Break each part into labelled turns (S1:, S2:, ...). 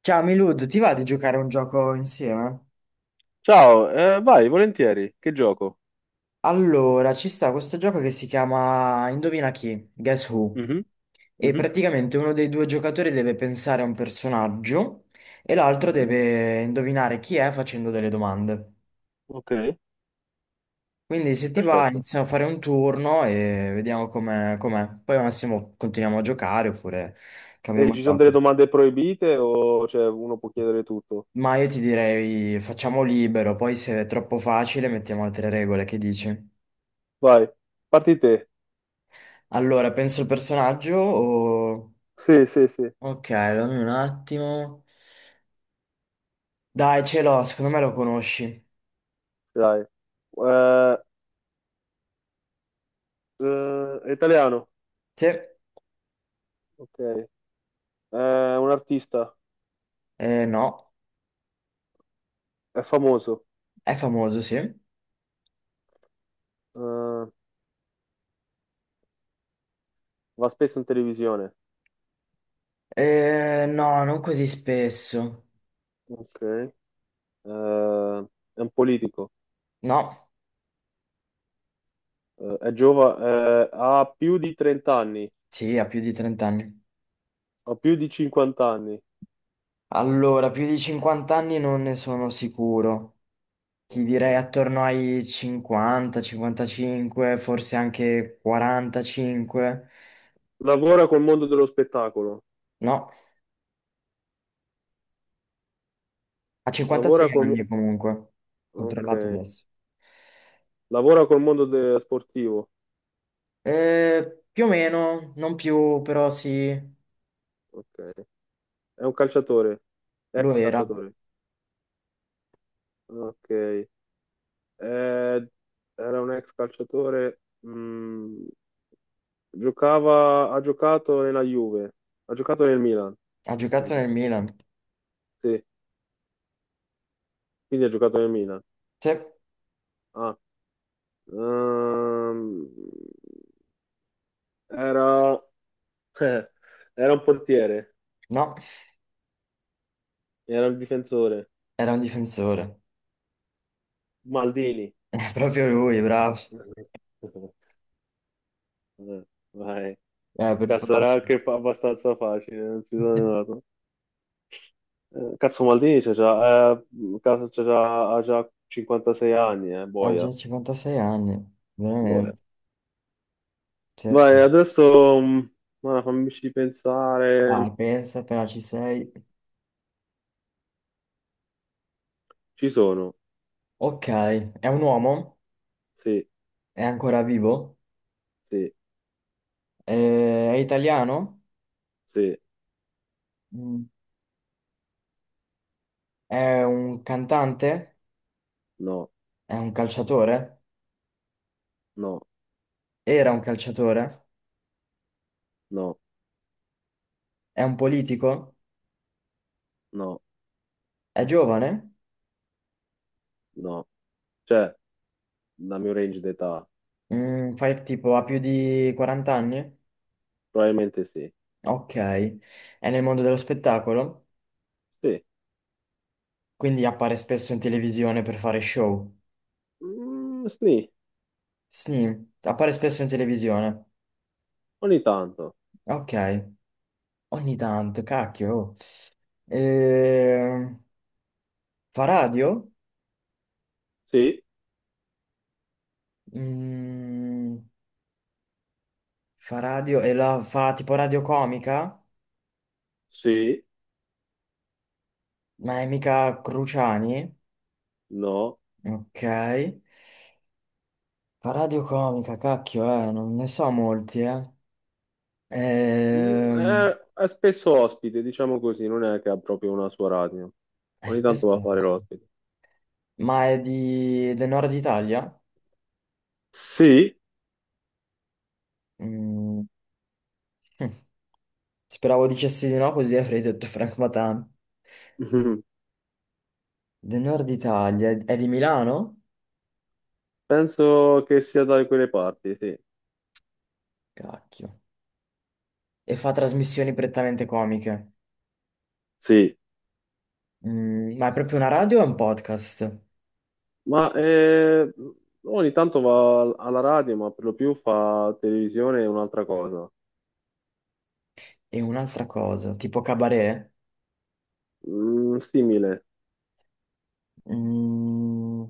S1: Ciao Milud, ti va di giocare a un gioco insieme?
S2: Ciao, vai, volentieri. Che gioco?
S1: Allora, ci sta questo gioco che si chiama Indovina chi? Guess Who?
S2: Mhm,
S1: E
S2: mhm,
S1: praticamente uno dei due giocatori deve pensare a un personaggio e l'altro
S2: mhm.
S1: deve indovinare chi è facendo delle domande.
S2: Ok,
S1: Quindi se ti va
S2: perfetto.
S1: iniziamo a fare un turno e vediamo com'è, com'è. Poi al massimo continuiamo a giocare oppure
S2: E
S1: cambiamo
S2: ci sono
S1: gioco.
S2: delle domande proibite o cioè, uno può chiedere tutto?
S1: Ma io ti direi facciamo libero, poi se è troppo facile mettiamo altre regole, che dici?
S2: Vai, parti te.
S1: Allora, penso il personaggio o...
S2: Sì, sì, sì,
S1: Ok, dammi un attimo. Dai, ce l'ho, secondo me lo conosci.
S2: dai. Eh, è italiano.
S1: Sì?
S2: Ok. È un artista.
S1: No.
S2: È famoso.
S1: È famoso, sì?
S2: Eh, va spesso in televisione.
S1: No, non così spesso.
S2: Ok. È un politico.
S1: No?
S2: È giovane. Ha più di 30 anni.
S1: Sì, ha più di 30 anni.
S2: Ha più di 50 anni.
S1: Allora, più di 50 anni non ne sono sicuro. Ti
S2: Ok.
S1: direi attorno ai 50, 55, forse anche 45.
S2: Lavora col mondo dello spettacolo.
S1: No, ha 56
S2: Lavora col, mo-
S1: anni comunque.
S2: ok.
S1: Controllato adesso.
S2: Lavora col mondo sportivo.
S1: Più o meno, non più, però sì,
S2: Ok. È un calciatore.
S1: lo
S2: Ex
S1: era.
S2: calciatore. Ok. Era un ex calciatore. mm, ha giocato nella Juve. Ha giocato nel Milan.
S1: Ha giocato
S2: Scusa.
S1: nel Milan.
S2: Sì, quindi ha giocato nel Milan.
S1: Sì,
S2: Ah, ehm, era, era un portiere.
S1: no,
S2: Era un difensore.
S1: era un difensore.
S2: Maldini.
S1: È proprio lui, bravo.
S2: Eh, Vai.
S1: Per
S2: Cazzo, era
S1: forza.
S2: anche abbastanza facile, non ci sono andato. Cazzo, Maldini c'ha già, ha già 56 anni,
S1: Ha
S2: boia,
S1: già 56 anni,
S2: boia.
S1: veramente. Sì, sì.
S2: Vai, adesso, ma fammici pensare.
S1: Dai, pensa, appena ci sei.
S2: Ci sono.
S1: Ok, è un uomo,
S2: Sì,
S1: è ancora vivo,
S2: sì,
S1: è italiano,
S2: sì,
S1: Mm. è un cantante,
S2: no,
S1: è un calciatore,
S2: no,
S1: era un calciatore,
S2: no,
S1: è un politico,
S2: no,
S1: è giovane.
S2: no. Cioè, dal mio range d'età,
S1: Fai tipo ha più di 40 anni?
S2: probabilmente sì.
S1: Ok, è nel mondo dello spettacolo,
S2: Sì.
S1: quindi appare spesso in televisione per fare show.
S2: Mm, sì,
S1: Sì, appare spesso in televisione.
S2: ogni tanto.
S1: Ok, ogni tanto, cacchio. Oh. Eh, fa radio?
S2: Sì,
S1: Mm, Fa radio e la fa tipo radio comica?
S2: sì,
S1: Ma è mica Cruciani?
S2: no.
S1: Ok. Fa radio comica, cacchio, non ne so molti, eh. Ehm,
S2: È spesso ospite, diciamo così, non è che ha proprio una sua radio. Ogni tanto va a
S1: Spesso...
S2: fare l'ospite.
S1: Ma è di... del nord Italia?
S2: Sì,
S1: Mm. Hm. Speravo dicessi di no, così avrei detto Frank Matan. Del nord Italia, è di Milano?
S2: penso che sia da quelle parti, sì.
S1: Cacchio. E fa trasmissioni prettamente comiche.
S2: Sì,
S1: Ma è proprio una radio o è un podcast?
S2: ma eh, ogni tanto va alla radio, ma per lo più fa televisione e un'altra cosa.
S1: E un'altra cosa, tipo cabaret?
S2: Mm, simile.
S1: Mm,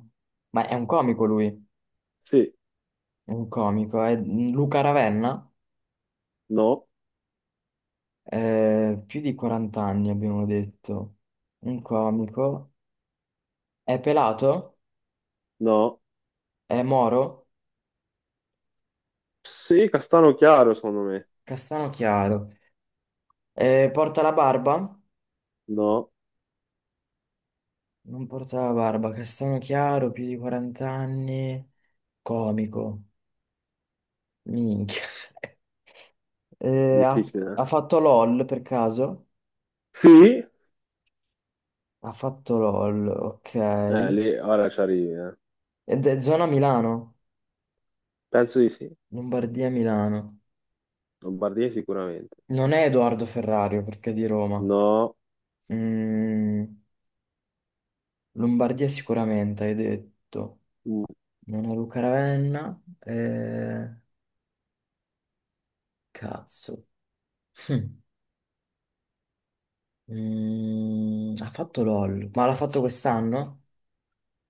S1: ma è un comico lui,
S2: Sì,
S1: è un comico, è Luca Ravenna?
S2: no,
S1: Più di 40 anni abbiamo detto. Un comico. È pelato,
S2: no.
S1: è moro,
S2: Sì, castano chiaro, secondo me.
S1: castano chiaro. Porta la barba?
S2: No,
S1: Non porta la barba, castano chiaro, più di 40 anni, comico, minchia. Ha,
S2: difficile.
S1: ha fatto LOL per caso?
S2: Sì,
S1: Ha fatto LOL, ok.
S2: lì ora ci arrivi.
S1: Ed è zona Milano,
S2: Penso di sì.
S1: Lombardia Milano.
S2: Lombardia sicuramente.
S1: Non è Edoardo Ferrario perché è di Roma.
S2: No.
S1: Mm, Lombardia sicuramente, hai detto.
S2: Mm.
S1: Non è Luca Ravenna. Cazzo. Mm. Ha fatto LOL, ma l'ha fatto quest'anno?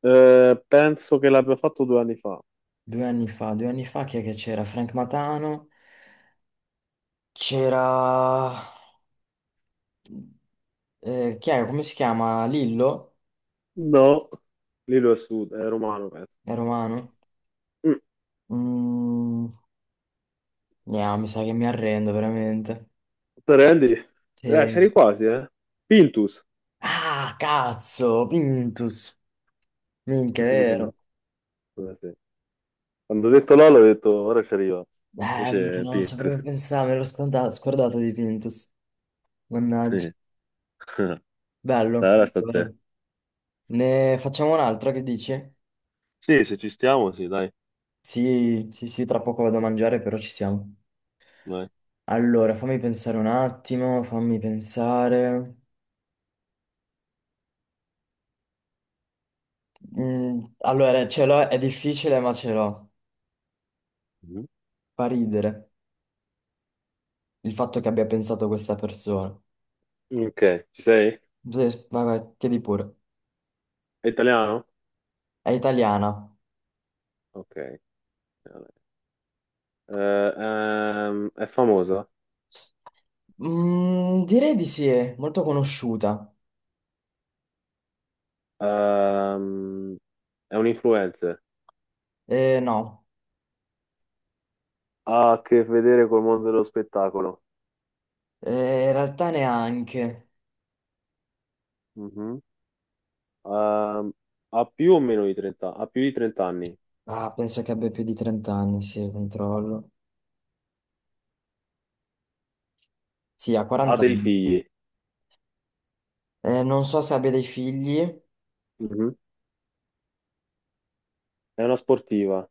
S2: Penso che l'abbia fatto 2 anni fa.
S1: Due anni fa chi è che c'era? Frank Matano, c'era... chi è? Come si chiama? Lillo?
S2: No. Lì lo è sud, è romano, penso.
S1: È romano?
S2: Mm.
S1: Mm, no, mi sa che mi arrendo veramente.
S2: Te rendi?
S1: Sì.
S2: C'eri quasi, eh. Pintus.
S1: Ah, cazzo! Pintus! Minchia, è vero.
S2: Sì. Quando ho detto Lolo, ho detto ora ci arriva. Invece
S1: Minchia,
S2: è
S1: no, non ci
S2: Pintus.
S1: avrei pensato, me l'ho scordato di Pintus. Mannaggia.
S2: Sì. Dai,
S1: Bello.
S2: ora sta a te.
S1: Ne facciamo un altro, che dici?
S2: Sì, se ci stiamo, sì, dai.
S1: Sì, sì, sì, tra poco vado a mangiare, però ci siamo.
S2: Vai.
S1: Allora, fammi pensare un attimo, fammi pensare. Allora, ce l'ho, è difficile, ma ce l'ho.
S2: Mhm.
S1: Fa ridere il fatto che abbia pensato questa persona.
S2: Ok, ci sei?
S1: Sì, vai, vai, chiedi pure.
S2: È italiano?
S1: È italiana.
S2: Ok. Vabbè. Eh, è famosa.
S1: Direi di sì, è molto conosciuta.
S2: Ehm, è un influencer.
S1: No,
S2: Ha a che vedere col mondo dello spettacolo.
S1: Eh, in realtà neanche.
S2: Mhm. Ehm, ha più di 30 anni,
S1: Ah, penso che abbia più di 30 anni, sì, controllo. Sì, ha
S2: ha
S1: 40
S2: dei
S1: anni.
S2: figli.
S1: Non so se abbia dei figli.
S2: Mhm. È una sportiva.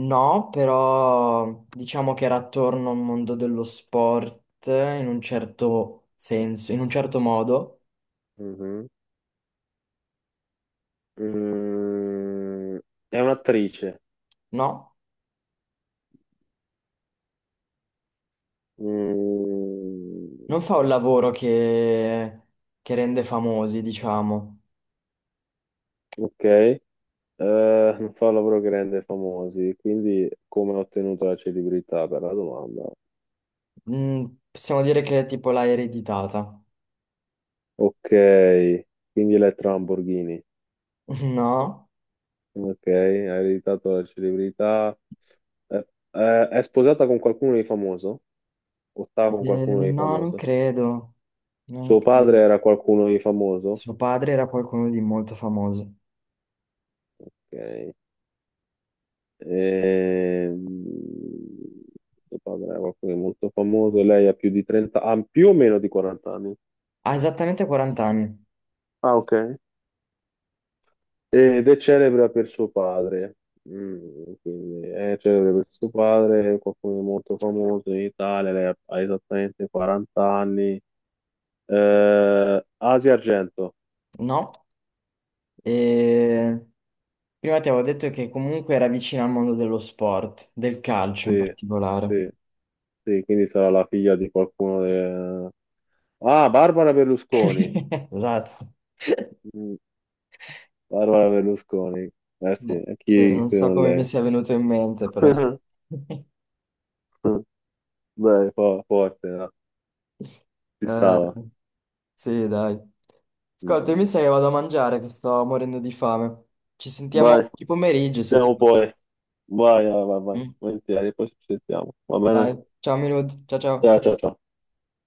S1: No, però diciamo che era attorno al mondo dello sport in un certo senso, in un certo modo,
S2: Mhm. Mm, è un'attrice.
S1: no?
S2: Mm,
S1: Non fa un lavoro che rende famosi, diciamo.
S2: ok. Non fa un lavoro che rende famosi, quindi come ha ottenuto la celebrità per la domanda?
S1: Mm, Possiamo dire che tipo l'ha ereditata.
S2: Ok, quindi Elettra Lamborghini.
S1: No?
S2: Ok, hai ereditato la celebrità. È sposata con qualcuno di famoso? O sta con qualcuno di
S1: No, non
S2: famoso?
S1: credo. Non
S2: Suo
S1: credo.
S2: padre era qualcuno di famoso?
S1: Suo padre era qualcuno di molto famoso.
S2: Ok. Ehm, suo padre era qualcuno di molto famoso. Lei ha più di 30, ha più o meno di 40 anni.
S1: Ha esattamente 40 anni,
S2: Ah, ok. Ed è celebre per suo padre. Mm, quindi è celebre per suo padre, qualcuno di molto famoso in Italia. Lei ha esattamente 40 anni. Asia Argento,
S1: no? E prima ti avevo detto che comunque era vicino al mondo dello sport, del calcio in
S2: sì,
S1: particolare.
S2: sì, sì, quindi sarà la figlia di qualcuno. Ah, Barbara Berlusconi.
S1: Esatto.
S2: Mm, Barbara Berlusconi, eh sì,
S1: No,
S2: e
S1: sì,
S2: chi
S1: non
S2: se
S1: so
S2: non
S1: come mi
S2: lei?
S1: sia venuto in mente, però, sì.
S2: Beh, forte, no? Ci
S1: Eh,
S2: stava.
S1: sì, dai.
S2: Mm,
S1: Ascolta, io mi
S2: mm.
S1: sa che vado a mangiare, che sto morendo di fame. Ci sentiamo
S2: Vai,
S1: oggi
S2: ci
S1: pomeriggio se ti
S2: sentiamo
S1: va.
S2: poi. Vai, vai, vai, vai,
S1: Mm?
S2: volentieri, poi ci sentiamo, va bene?
S1: Dai, ciao Milud, ciao
S2: Ciao,
S1: ciao.
S2: ciao, ciao.